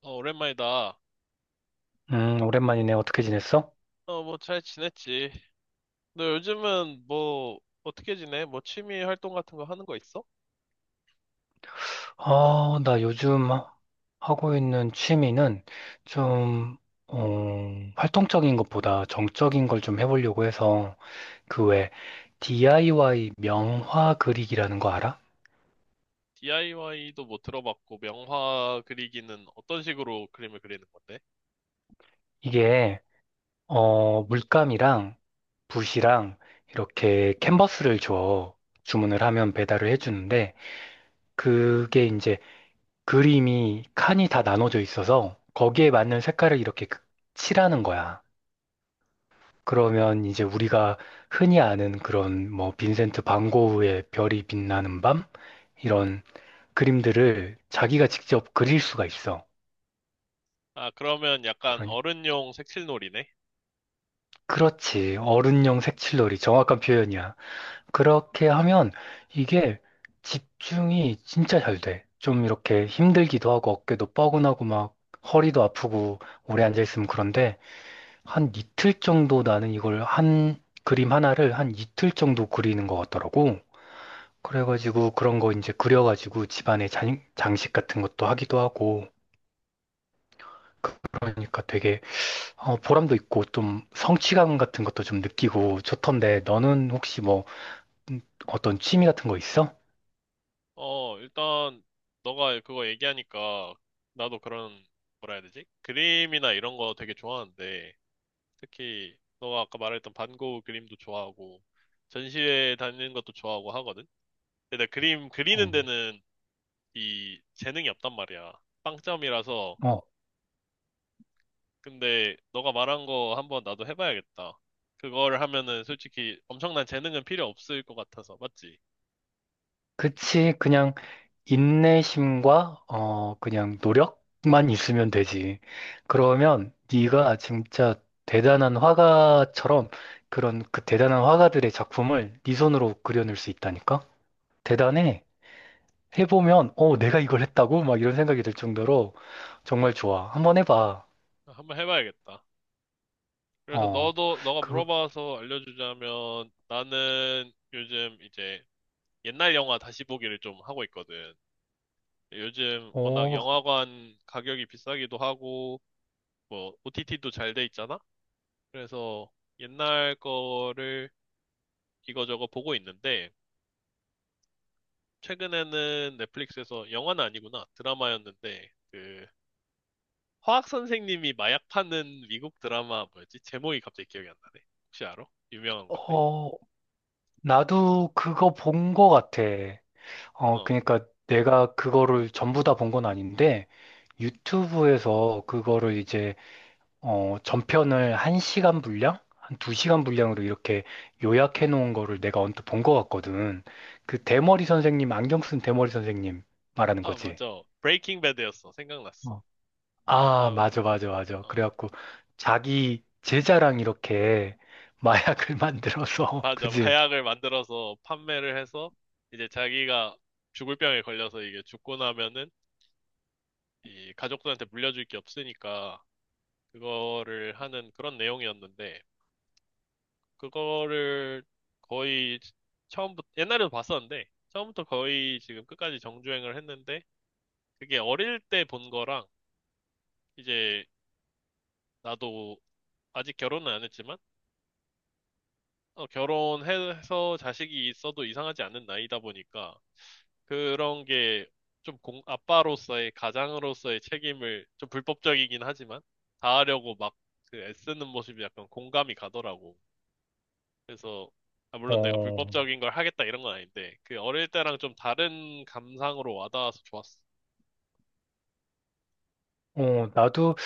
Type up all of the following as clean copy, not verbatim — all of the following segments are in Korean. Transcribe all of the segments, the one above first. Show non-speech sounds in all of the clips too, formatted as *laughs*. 어, 오랜만이다. 오랜만이네. 어떻게 지냈어? 어, 뭐 잘 지냈지? 너 요즘은 뭐 어떻게 지내? 뭐 취미 활동 같은 거 하는 거 있어? 아, 나 요즘 하고 있는 취미는 좀, 어, 활동적인 것보다 정적인 걸 좀 해보려고 해서 그 외 DIY 명화 그리기라는 거 알아? DIY도 뭐 들어봤고 명화 그리기는 어떤 식으로 그림을 그리는 건데? 이게, 물감이랑 붓이랑 이렇게 캔버스를 줘. 주문을 하면 배달을 해주는데 그게 이제 그림이 칸이 다 나눠져 있어서 거기에 맞는 색깔을 이렇게 칠하는 거야. 그러면 이제 우리가 흔히 아는 그런 뭐 빈센트 반 고흐의 별이 빛나는 밤 이런 그림들을 자기가 직접 그릴 수가 있어. 아, 그러면 약간 그러니 어른용 색칠놀이네? 그렇지. 어른용 색칠놀이 정확한 표현이야. 그렇게 하면 이게 집중이 진짜 잘 돼. 좀 이렇게 힘들기도 하고 어깨도 뻐근하고 막 허리도 아프고 오래 앉아 있으면 그런데 한 이틀 정도 나는 이걸 한 그림 하나를 한 이틀 정도 그리는 것 같더라고. 그래가지고 그런 거 이제 그려가지고 집안에 장식 같은 것도 하기도 하고 그러니까 되게 보람도 있고 좀 성취감 같은 것도 좀 느끼고 좋던데 너는 혹시 뭐 음, 어떤 취미 같은 거 있어? 어, 일단 너가 그거 얘기하니까 나도 그런 뭐라 해야 되지? 그림이나 이런 거 되게 좋아하는데 특히 너가 아까 말했던 반 고흐 그림도 좋아하고 전시회 다니는 것도 좋아하고 하거든? 근데 나 그림 그리는 어, 데는 이 재능이 없단 말이야. 빵점이라서. 어, 근데 너가 말한 거 한번 나도 해봐야겠다. 그거를 하면은 솔직히 엄청난 재능은 필요 없을 것 같아서, 맞지? 그치. 그냥 인내심과 그냥 노력만 있으면 되지. 그러면 네가 진짜 대단한 화가처럼 그런 그 대단한 화가들의 작품을 네 손으로 그려낼 수 있다니까? 대단해. 해보면, 내가 이걸 했다고? 막 이런 생각이 들 정도로 정말 좋아. 한번 해봐. 한번 해봐야겠다. 그래서 어, 너도, 너가 그, 물어봐서 알려주자면 나는 요즘 이제 옛날 영화 다시 보기를 좀 하고 있거든. 요즘 워낙 어, 영화관 가격이 비싸기도 하고, 뭐, OTT도 잘 돼 있잖아? 그래서 옛날 거를 이거저거 보고 있는데, 최근에는 넷플릭스에서 영화는 아니구나 드라마였는데 그 화학 선생님이 마약 파는 미국 드라마 뭐였지? 제목이 갑자기 기억이 안 나네. 혹시 알아? 유명한 건데. 어, 나도 그거 본 거 같아. 어, 어. 그러니까 내가 그거를 전부 다 본 건 아닌데, 유튜브에서 그거를 이제, 전편을 한시간 분량? 한 두시간 분량으로 이렇게 요약해 놓은 거를 내가 언뜻 본 거 같거든. 그 대머리 선생님, 안경 쓴 대머리 선생님 말하는 아, 거지. 맞아. 브레이킹 배드였어. 생각났어. 아, 그래서, 맞아, 맞아, 맞아. 어. 그래갖고 자기 제자랑 이렇게 마약을 *laughs* 만들어서, 맞아. 그지? 마약을 만들어서 판매를 해서 이제 자기가 죽을 병에 걸려서 이게 죽고 나면은 이 가족들한테 물려줄 게 없으니까 그거를 하는 그런 내용이었는데 그거를 거의 처음부터, 옛날에도 봤었는데, 처음부터 거의 지금 끝까지 정주행을 했는데, 그게 어릴 때 본 거랑, 이제 나도 아직 결혼은 안 했지만, 어, 결혼해서 자식이 있어도 이상하지 않는 나이다 보니까, 그런 게 좀 공, 아빠로서의, 가장으로서의 책임을 좀 불법적이긴 하지만, 다하려고 막 그 애쓰는 모습이 약간 공감이 가더라고. 그래서 아, 물론 내가 어, 불법적인 걸 하겠다 이런 건 아닌데 그 어릴 때랑 좀 다른 감상으로 와닿아서 좋았어. 어, 나도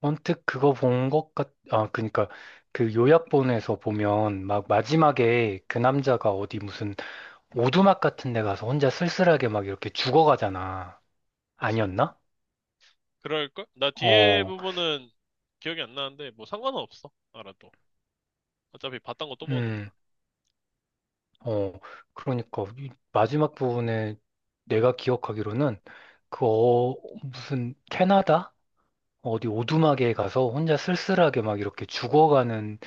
언뜻 그거 본 그니까 그 요약본에서 보면 막 마지막에 그 남자가 어디 무슨 오두막 같은 데 가서 혼자 쓸쓸하게 막 이렇게 죽어가잖아. 그치? 아니었나? 그럴걸? 나 뒤에 어, 부분은 기억이 안 나는데 뭐 상관은 없어. 알아도. 어차피 봤던 거 또 보는 거라. 음, 어, 그러니까 이 마지막 부분에 내가 기억하기로는 그 무슨 캐나다? 어디 오두막에 가서 혼자 쓸쓸하게 막 이렇게 죽어가는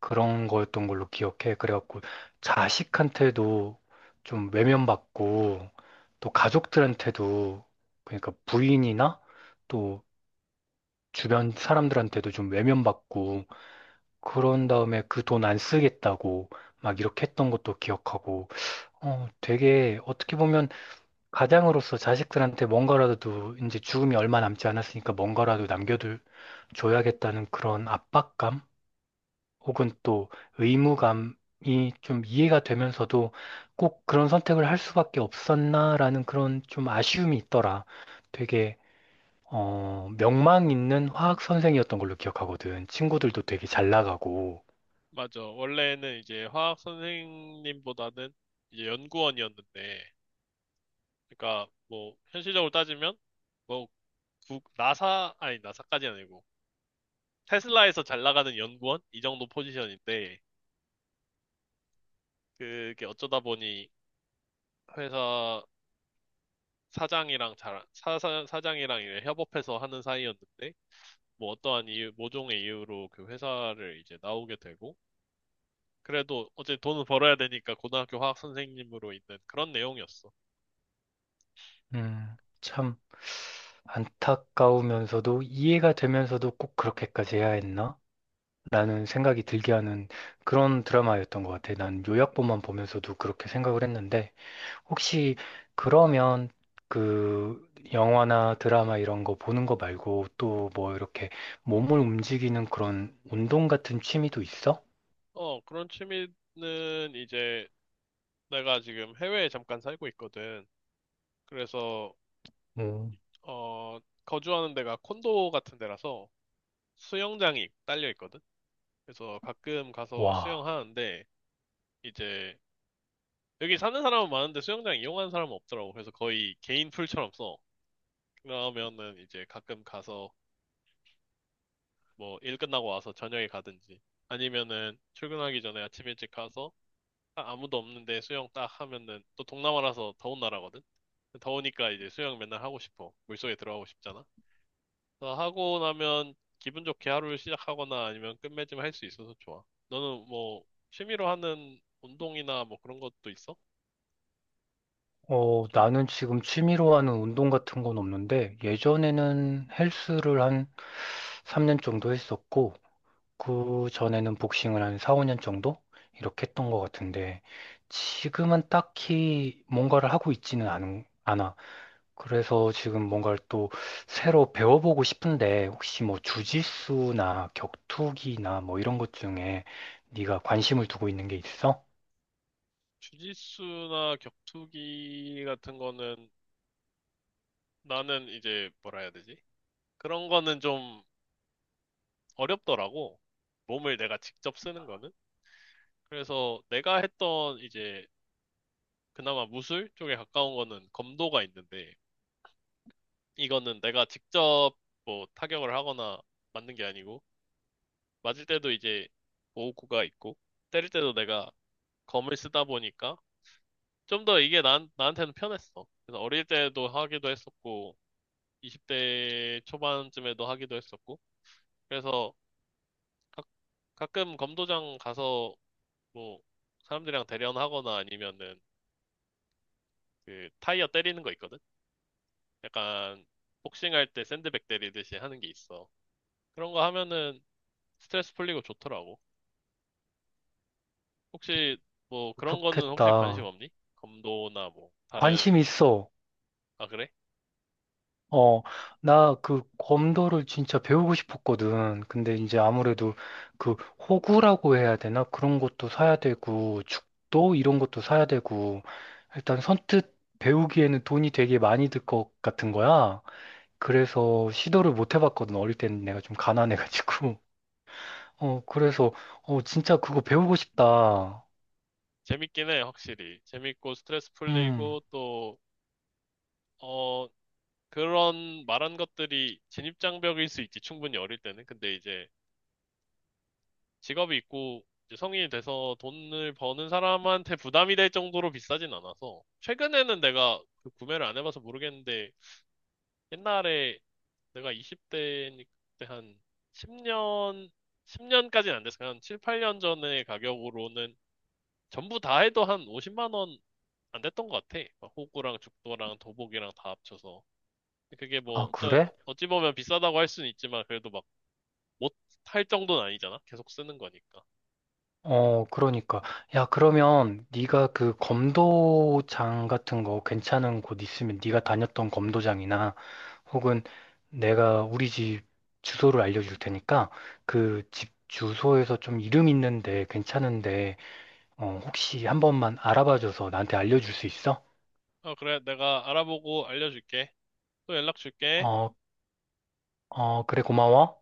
그런 거였던 걸로 기억해. 그래갖고 자식한테도 좀 외면받고 또 가족들한테도 그러니까 부인이나 또 주변 사람들한테도 좀 외면받고 그런 다음에 그 돈 안 쓰겠다고 막 이렇게 했던 것도 기억하고 되게 어떻게 보면 가장으로서 자식들한테 뭔가라도 이제 죽음이 얼마 남지 않았으니까 뭔가라도 남겨둘 줘야겠다는 그런 압박감 혹은 또 의무감이 좀 이해가 되면서도 꼭 그런 선택을 할 수밖에 없었나라는 그런 좀 아쉬움이 있더라. 되게 명망 있는 화학 선생이었던 걸로 기억하거든. 친구들도 되게 잘 나가고. 맞아. 원래는 이제 화학 선생님보다는 이제 연구원이었는데 그러니까 뭐 현실적으로 따지면 뭐 국, 나사 아니 나사까지 아니고 테슬라에서 잘 나가는 연구원 이 정도 포지션인데 그게 어쩌다 보니 회사 사장이랑 사장이랑 이제 협업해서 하는 사이였는데, 뭐 어떠한 이유, 모종의 이유로 그 회사를 이제 나오게 되고, 그래도 어제 돈을 벌어야 되니까 고등학교 화학 선생님으로 있는 그런 내용이었어. 참 안타까우면서도 이해가 되면서도 꼭 그렇게까지 해야 했나? 라는 생각이 들게 하는 그런 드라마였던 것 같아. 난 요약본만 보면서도 그렇게 생각을 했는데, 혹시 그러면 그 영화나 드라마 이런 거 보는 거 말고 또 뭐 이렇게 몸을 움직이는 그런 운동 같은 취미도 있어? 어, 그런 취미는 이제 내가 지금 해외에 잠깐 살고 있거든. 그래서, 음. 어, 거주하는 데가 콘도 같은 데라서 수영장이 딸려 있거든. 그래서 가끔 가서 와, 수영하는데, 이제 여기 사는 사람은 많은데 수영장 이용하는 사람은 없더라고. 그래서 거의 개인 풀처럼 써. 그러면은 이제 가끔 가서 뭐 일 끝나고 와서 저녁에 가든지 아니면은 출근하기 전에 아침 일찍 가서 아무도 없는데 수영 딱 하면은 또 동남아라서 더운 나라거든. 더우니까 이제 수영 맨날 하고 싶어. 물속에 들어가고 싶잖아. 그래서 하고 나면 기분 좋게 하루를 시작하거나 아니면 끝맺음 할 수 있어서 좋아. 너는 뭐 취미로 하는 운동이나 뭐 그런 것도 있어? 나는 지금 취미로 하는 운동 같은 건 없는데, 예전에는 헬스를 한 3년 정도 했었고, 그 전에는 복싱을 한 4, 5년 정도 이렇게 했던 것 같은데 지금은 딱히 뭔가를 하고 있지는 않아. 그래서 지금 뭔가를 또 새로 배워보고 싶은데 혹시 뭐 주짓수나 격투기나 뭐 이런 것 중에 네가 관심을 두고 있는 게 있어? 주짓수나 격투기 같은 거는 나는 이제 뭐라 해야 되지? 그런 거는 좀 어렵더라고. 몸을 내가 직접 쓰는 거는. 그래서 내가 했던 이제 그나마 무술 쪽에 가까운 거는 검도가 있는데 이거는 내가 직접 뭐 타격을 하거나 맞는 게 아니고 맞을 때도 이제 보호구가 있고 때릴 때도 내가 검을 쓰다 보니까 좀 더 이게 나한테는 편했어. 그래서 어릴 때도 하기도 했었고 20대 초반쯤에도 하기도 했었고. 그래서 가, 가끔 검도장 가서 뭐 사람들이랑 대련하거나 아니면은 그 타이어 때리는 거 있거든? 약간 복싱할 때 샌드백 때리듯이 하는 게 있어. 그런 거 하면은 스트레스 풀리고 좋더라고. 혹시 뭐 그런 거는 혹시 관심 좋겠다. 없니? 검도나 뭐 다른, 관심 있어. 아 그래? 어, 나 그 검도를 진짜 배우고 싶었거든. 근데 음, 이제 아무래도 그 호구라고 해야 되나? 그런 것도 사야 되고, 죽도 이런 것도 사야 되고, 일단 선뜻 배우기에는 돈이 되게 많이 들 것 같은 거야. 그래서 시도를 못 해봤거든. 어릴 때는 내가 좀 가난해가지고. *laughs* 그래서, 진짜 그거 배우고 싶다. 재밌긴 해, 확실히. 재밌고 스트레스 음, 풀리고 또, 어, 그런 말한 것들이 진입장벽일 수 있지, 충분히 어릴 때는. 근데 이제 직업이 있고 이제 성인이 돼서 돈을 버는 사람한테 부담이 될 정도로 비싸진 않아서. 최근에는 내가 그 구매를 안 해봐서 모르겠는데 옛날에 내가 20대 때한 10년, 10년까지는 안 됐어. 한 7, 8년 전의 가격으로는 전부 다 해도 한 50만 원 안 됐던 것 같아. 막 호구랑 죽도랑 도복이랑 다 합쳐서. 그게 뭐, 아, 그래? 어찌 보면 비싸다고 할 수는 있지만, 그래도 못 할 정도는 아니잖아. 계속 쓰는 거니까. 그러니까. 야, 그러면 네가 그 검도장 같은 거 괜찮은 곳 있으면 네가 다녔던 검도장이나 혹은 내가 우리 집 주소를 알려줄 테니까 그 집 주소에서 좀 이름 있는데 괜찮은데 혹시 한 번만 알아봐줘서 나한테 알려줄 수 있어? 어, 그래. 내가 알아보고 알려줄게. 또 연락 줄게. 어, 어, 그래, 고마워.